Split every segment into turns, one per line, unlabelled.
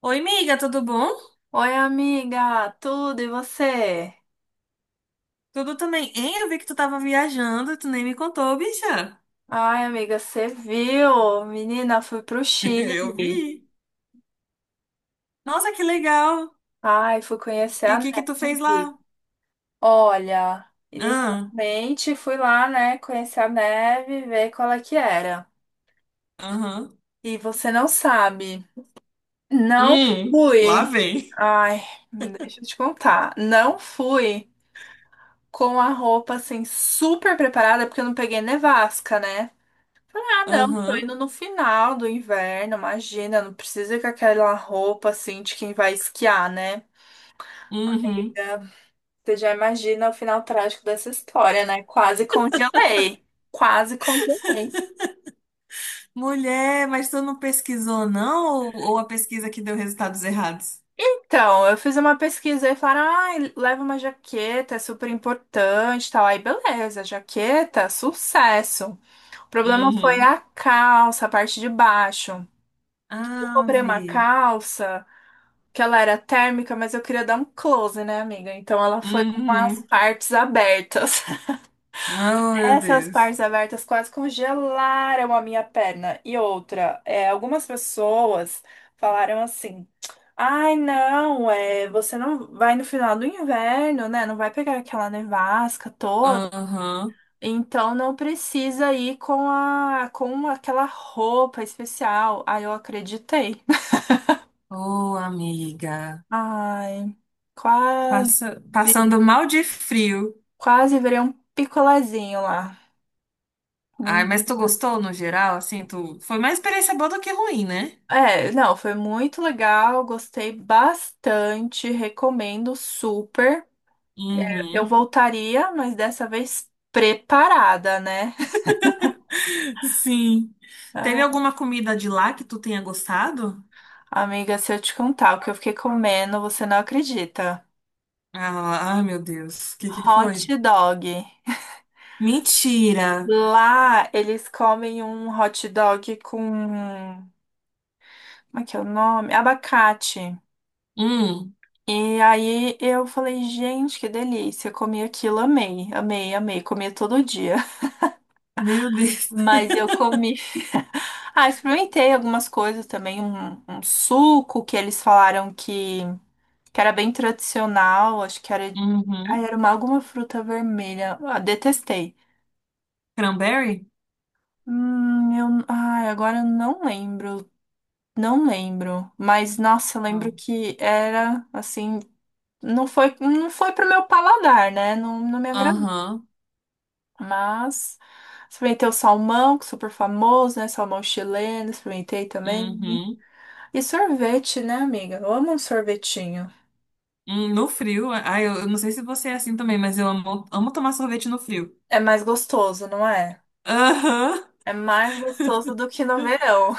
Oi, amiga, tudo bom?
Oi, amiga, tudo e você?
Tudo também. Hein, eu vi que tu tava viajando, e tu nem me contou, bicha.
Ai, amiga, você viu? Menina, fui pro
Eu
Chile.
vi. Nossa, que legal.
Ai, fui conhecer
E
a
o que que tu fez lá?
neve. Olha,
Ah,
inicialmente fui lá, né, conhecer a neve, ver qual é que era.
aham.
E você não sabe, não
Lá
fui.
vem.
Ai, deixa eu te contar. Não fui com a roupa assim super preparada, porque eu não peguei nevasca, né? Ah, não, tô
Aham,
indo no final do inverno, imagina, não precisa ir com aquela roupa assim de quem vai esquiar, né?
uhum.
Amiga, você já imagina o final trágico dessa história, né? Quase congelei. Quase congelei.
Mulher, mas tu não pesquisou, não? Ou a pesquisa que deu resultados errados?
Então, eu fiz uma pesquisa e falaram: ai, leva uma jaqueta, é super importante, e tal. Aí, beleza, jaqueta, sucesso. O problema foi
Uhum.
a calça, a parte de baixo. Eu comprei uma
Ave.
calça que ela era térmica, mas eu queria dar um close, né, amiga? Então ela foi com as
Uhum.
partes abertas.
Oh, meu
Essas
Deus.
partes abertas quase congelaram a minha perna. E outra, é, algumas pessoas falaram assim: ai, não, é, você não vai no final do inverno, né? Não vai pegar aquela nevasca toda.
Aham.
Então não precisa ir com aquela roupa especial. Aí eu acreditei.
Ô, amiga.
Ai, quase.
Passando mal de frio.
Quase virei um picolézinho lá.
Ai, mas tu
Menina.
gostou no geral? Assim, tu... foi mais experiência boa do que ruim, né?
É, não, foi muito legal, gostei bastante, recomendo super. Eu
Uhum.
voltaria, mas dessa vez preparada, né?
Sim. Teve
Ah,
alguma comida de lá que tu tenha gostado?
amiga, se eu te contar o que eu fiquei comendo, você não acredita.
Ah, ai, meu Deus. O que que
Hot
foi?
dog.
Mentira.
Lá eles comem um hot dog com. Como é que é o nome? Abacate.
Hum,
E aí eu falei, gente, que delícia. Comi aquilo, amei, amei, amei. Comia todo dia.
meu Deus.
Mas eu comi. Ah, experimentei algumas coisas também. Um suco que eles falaram que era bem tradicional. Acho que era. Ai,
Uhum.
era uma, alguma fruta vermelha. Ah, detestei.
Cranberry?
Eu. Ai, agora eu não lembro. Não lembro. Mas, nossa, eu lembro
Ah.
que era assim. Não foi pro meu paladar, né? Não, não me agradou.
Aham.
Mas experimentei o salmão, que é super famoso, né? Salmão chileno, experimentei também.
Uhum.
E sorvete, né, amiga? Eu amo um sorvetinho.
No frio. Ai, eu não sei se você é assim também, mas eu amo, amo tomar sorvete no frio.
É mais gostoso, não é?
Aham.
É mais gostoso do que no verão.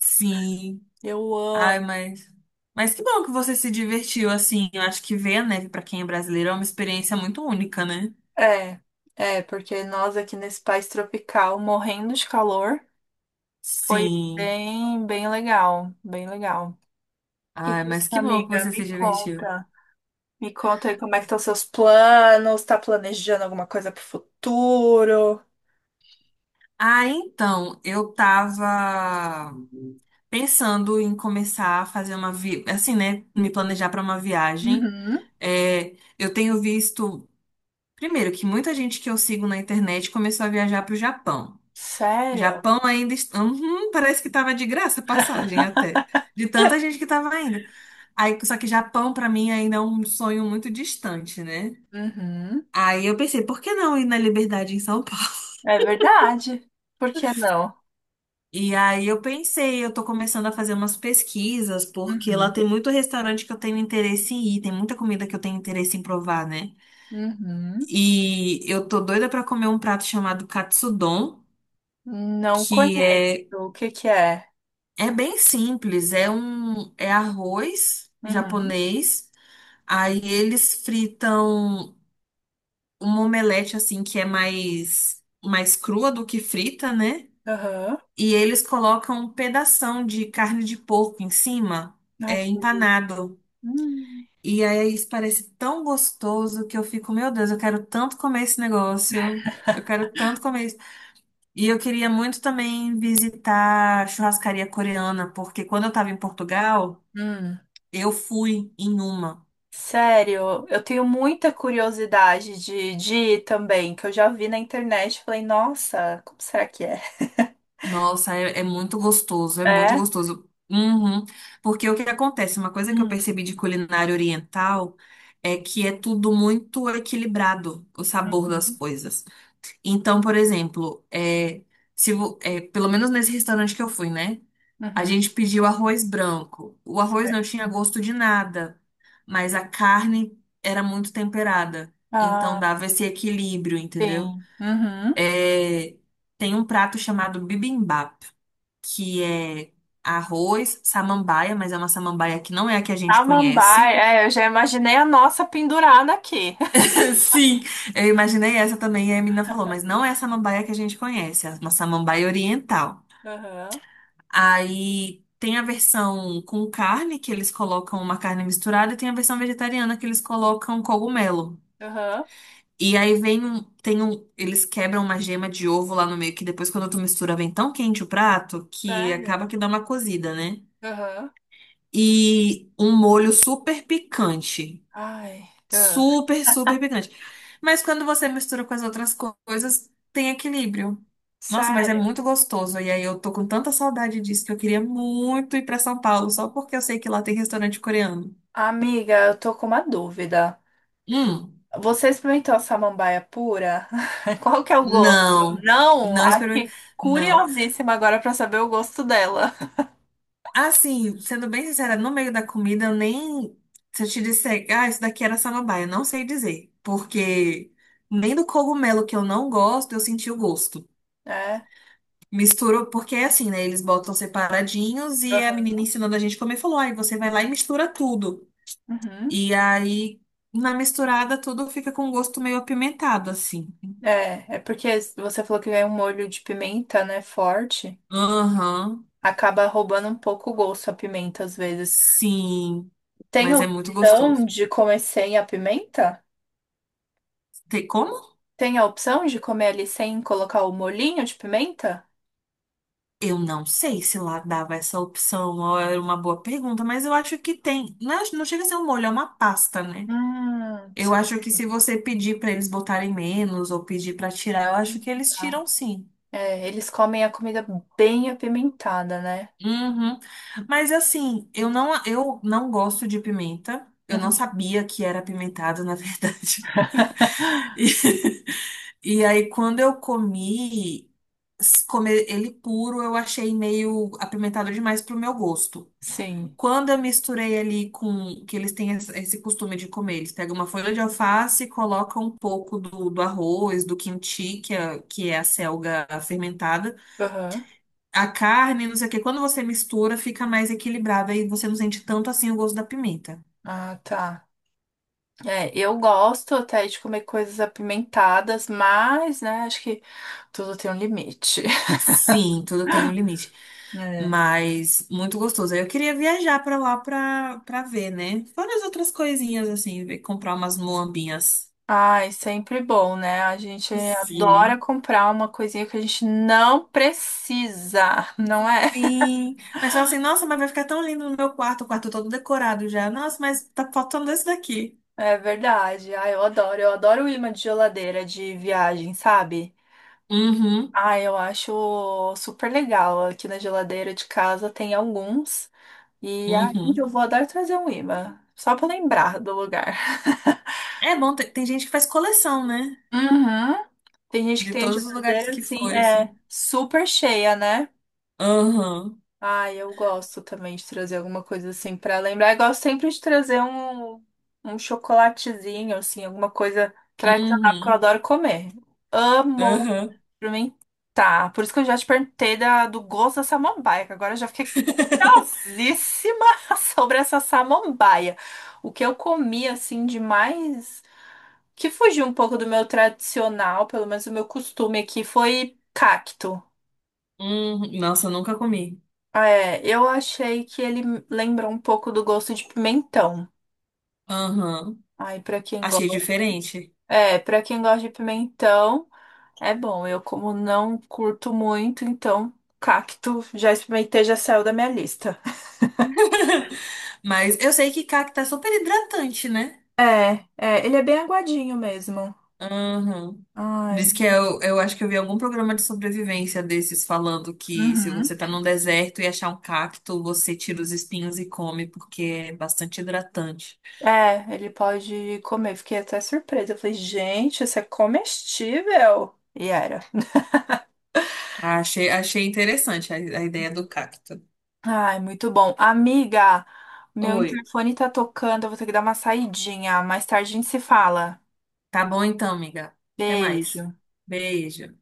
Sim.
Eu
Ai,
amo.
mas. Mas que bom que você se divertiu assim. Eu acho que ver a neve pra quem é brasileiro é uma experiência muito única, né?
É, é, porque nós aqui nesse país tropical, morrendo de calor, foi
Sim.
bem, bem legal, bem legal. E
Ai,
você,
mas que bom que
amiga,
você se
me
divertiu.
conta. Me conta aí como é que estão seus planos, tá planejando alguma coisa pro futuro?
Ah, então, eu tava pensando em começar a fazer uma vi... assim, né, me planejar para uma viagem.
Uhum.
É, eu tenho visto, primeiro, que muita gente que eu sigo na internet começou a viajar para o Japão.
Sério?
Japão ainda está. Uhum, parece que tava de graça a passagem até. De tanta gente que tava ainda. Aí, só que Japão, pra mim, ainda é um sonho muito distante, né?
Uhum.
Aí eu pensei, por que não ir na Liberdade em São Paulo?
É verdade. Por que não?
E aí eu pensei, eu tô começando a fazer umas pesquisas, porque lá
Uhum.
tem muito restaurante que eu tenho interesse em ir, tem muita comida que eu tenho interesse em provar, né?
Uhum.
E eu tô doida pra comer um prato chamado katsudon,
Não
que
conheço.
é...
O que que é?
É bem simples, é um... é arroz
Uhum.
japonês. Aí eles fritam uma omelete assim que é mais crua do que frita, né?
Aham.
E eles colocam um pedação de carne de porco em cima,
Ai,
é
que delícia.
empanado.
Hum.
E aí isso parece tão gostoso que eu fico, meu Deus, eu quero tanto comer esse negócio. Eu quero tanto comer isso. E eu queria muito também visitar a churrascaria coreana, porque quando eu estava em Portugal...
Hum.
Eu fui em uma.
Sério, eu tenho muita curiosidade de ir também, que eu já vi na internet e falei, nossa, como será que é?
Nossa, é, é muito gostoso, é muito
É?
gostoso. Uhum. Porque o que acontece? Uma coisa que eu
Hum.
percebi de culinária oriental é que é tudo muito equilibrado, o sabor das
Uhum.
coisas. Então, por exemplo, é, se, vo- é, pelo menos nesse restaurante que eu fui, né? A
Uhum.
gente pediu arroz branco. O arroz não
Certo.
tinha gosto de nada, mas a carne era muito temperada. Então
Ah,
dava esse equilíbrio, entendeu?
sim. Uhum.
É, tem um prato chamado bibimbap, que é arroz, samambaia, mas é uma samambaia que não é a que a gente conhece.
Samambaia, é, eu já imaginei a nossa pendurada aqui.
Sim, eu imaginei essa também, e a menina falou, mas não é a samambaia que a gente conhece, é uma samambaia oriental.
Aham,
Aí tem a versão com carne, que eles colocam uma carne misturada, e tem a versão vegetariana, que eles colocam cogumelo.
aham,
E aí vem um, tem um, eles quebram uma gema de ovo lá no meio, que depois quando tu mistura vem tão quente o prato que acaba
sério?
que dá uma cozida, né?
Aham,
E um molho super picante.
ai, ah,
Super, super picante. Mas quando você mistura com as outras co- coisas, tem equilíbrio. Nossa, mas é
sério?
muito gostoso. E aí eu tô com tanta saudade disso que eu queria muito ir pra São Paulo, só porque eu sei que lá tem restaurante coreano.
Amiga, eu tô com uma dúvida.
Hum,
Você experimentou a samambaia pura? Qual que é o gosto?
não.
Não,
Não
acho
experimentei.
que
Não.
curiosíssima agora pra saber o gosto dela.
Assim, sendo bem sincera, no meio da comida eu nem... Se eu te disser, ah, isso daqui era samambaia, eu não sei dizer. Porque nem do cogumelo que eu não gosto, eu senti o gosto.
É,
Misturou, porque é assim, né? Eles botam separadinhos e a menina
aham.
ensinando a gente comer falou: aí você vai lá e mistura tudo.
Uhum.
E aí, na misturada, tudo fica com um gosto meio apimentado, assim.
É, é porque você falou que vem um molho de pimenta, né, forte.
Aham,
Acaba roubando um pouco o gosto a pimenta às vezes.
sim,
Tem
mas
a
é muito
opção
gostoso.
de comer sem a pimenta?
Tem.
Tem a opção de comer ali sem colocar o molhinho de pimenta?
Eu não sei se lá dava essa opção, ou era uma boa pergunta, mas eu acho que tem. Não, é- não chega a ser um molho, é uma pasta, né? Eu acho que
Certo.
se você pedir pra eles botarem menos ou pedir pra tirar, eu acho que eles
Tá.
tiram sim.
É, eles comem a comida bem apimentada, né?
Uhum. Mas assim, eu não gosto de pimenta. Eu não
Uhum.
sabia que era apimentado, na verdade. E aí, quando eu comi, s- comer ele puro, eu achei meio apimentado demais pro meu gosto.
Sim.
Quando eu misturei ali com que eles têm esse costume de comer, eles pegam uma folha de alface e colocam um pouco do, do arroz, do quinti, que é a selga fermentada,
Aham.
a carne, não sei o quê. Quando você mistura, fica mais equilibrado e você não sente tanto assim o gosto da pimenta.
Ah, tá. É, eu gosto até de comer coisas apimentadas, mas, né, acho que tudo tem um limite.
Sim, tudo tem um limite,
É.
mas muito gostoso. Aí eu queria viajar pra lá pra, pra ver, né? Fora as outras coisinhas assim, ver- comprar umas moambinhas.
Ai, sempre bom, né? A gente adora
Sim.
comprar uma coisinha que a gente não precisa, não é?
Sim, mas fala assim, nossa, mas vai ficar tão lindo no meu quarto, o quarto todo decorado já. Nossa, mas tá faltando esse daqui.
É verdade. Ah, eu adoro. Eu adoro o imã de geladeira de viagem, sabe?
Uhum,
Ah, eu acho super legal. Aqui na geladeira de casa tem alguns. E ah, um dia
uhum.
eu vou adorar trazer um imã. Só pra lembrar do lugar.
É bom, tem, tem gente que faz coleção, né?
Uhum. Tem gente que
De
tem a
todos os lugares
geladeira
que
assim,
foi, assim.
é super cheia, né?
Aham,
Ah, eu gosto também de trazer alguma coisa assim pra lembrar. Eu gosto sempre de trazer um, um chocolatezinho, assim, alguma coisa tradicional, porque eu
uhum,
adoro comer. Amo.
aham.
Experimentar. Por isso que eu já te perguntei do gosto da samambaia, que agora eu já fiquei curiosíssima sobre essa samambaia. O que eu comi, assim, demais, que fugiu um pouco do meu tradicional, pelo menos o meu costume aqui, foi cacto.
Uhum. Nossa, eu nunca comi.
Ah, é, eu achei que ele lembra um pouco do gosto de pimentão.
Aham.
Aí pra quem
Achei
gosta.
diferente.
É, pra quem gosta de pimentão, é bom. Eu, como não curto muito, então, cacto já experimentei, já saiu da minha lista.
Mas eu sei que cacto é super hidratante, né?
É, é, ele é bem aguadinho mesmo.
Aham.
Ai.
Diz que eu acho que eu vi algum programa de sobrevivência desses falando que se
Uhum.
você tá num deserto e achar um cacto, você tira os espinhos e come, porque é bastante hidratante.
É, ele pode comer. Fiquei até surpresa. Eu falei, gente, isso é comestível. E era.
Achei, achei interessante a ideia do cacto.
Ai, muito bom. Amiga, meu
Oi.
interfone tá tocando. Eu vou ter que dar uma saidinha. Mais tarde a gente se fala.
Tá bom então, amiga. Até mais.
Beijo.
Beijo.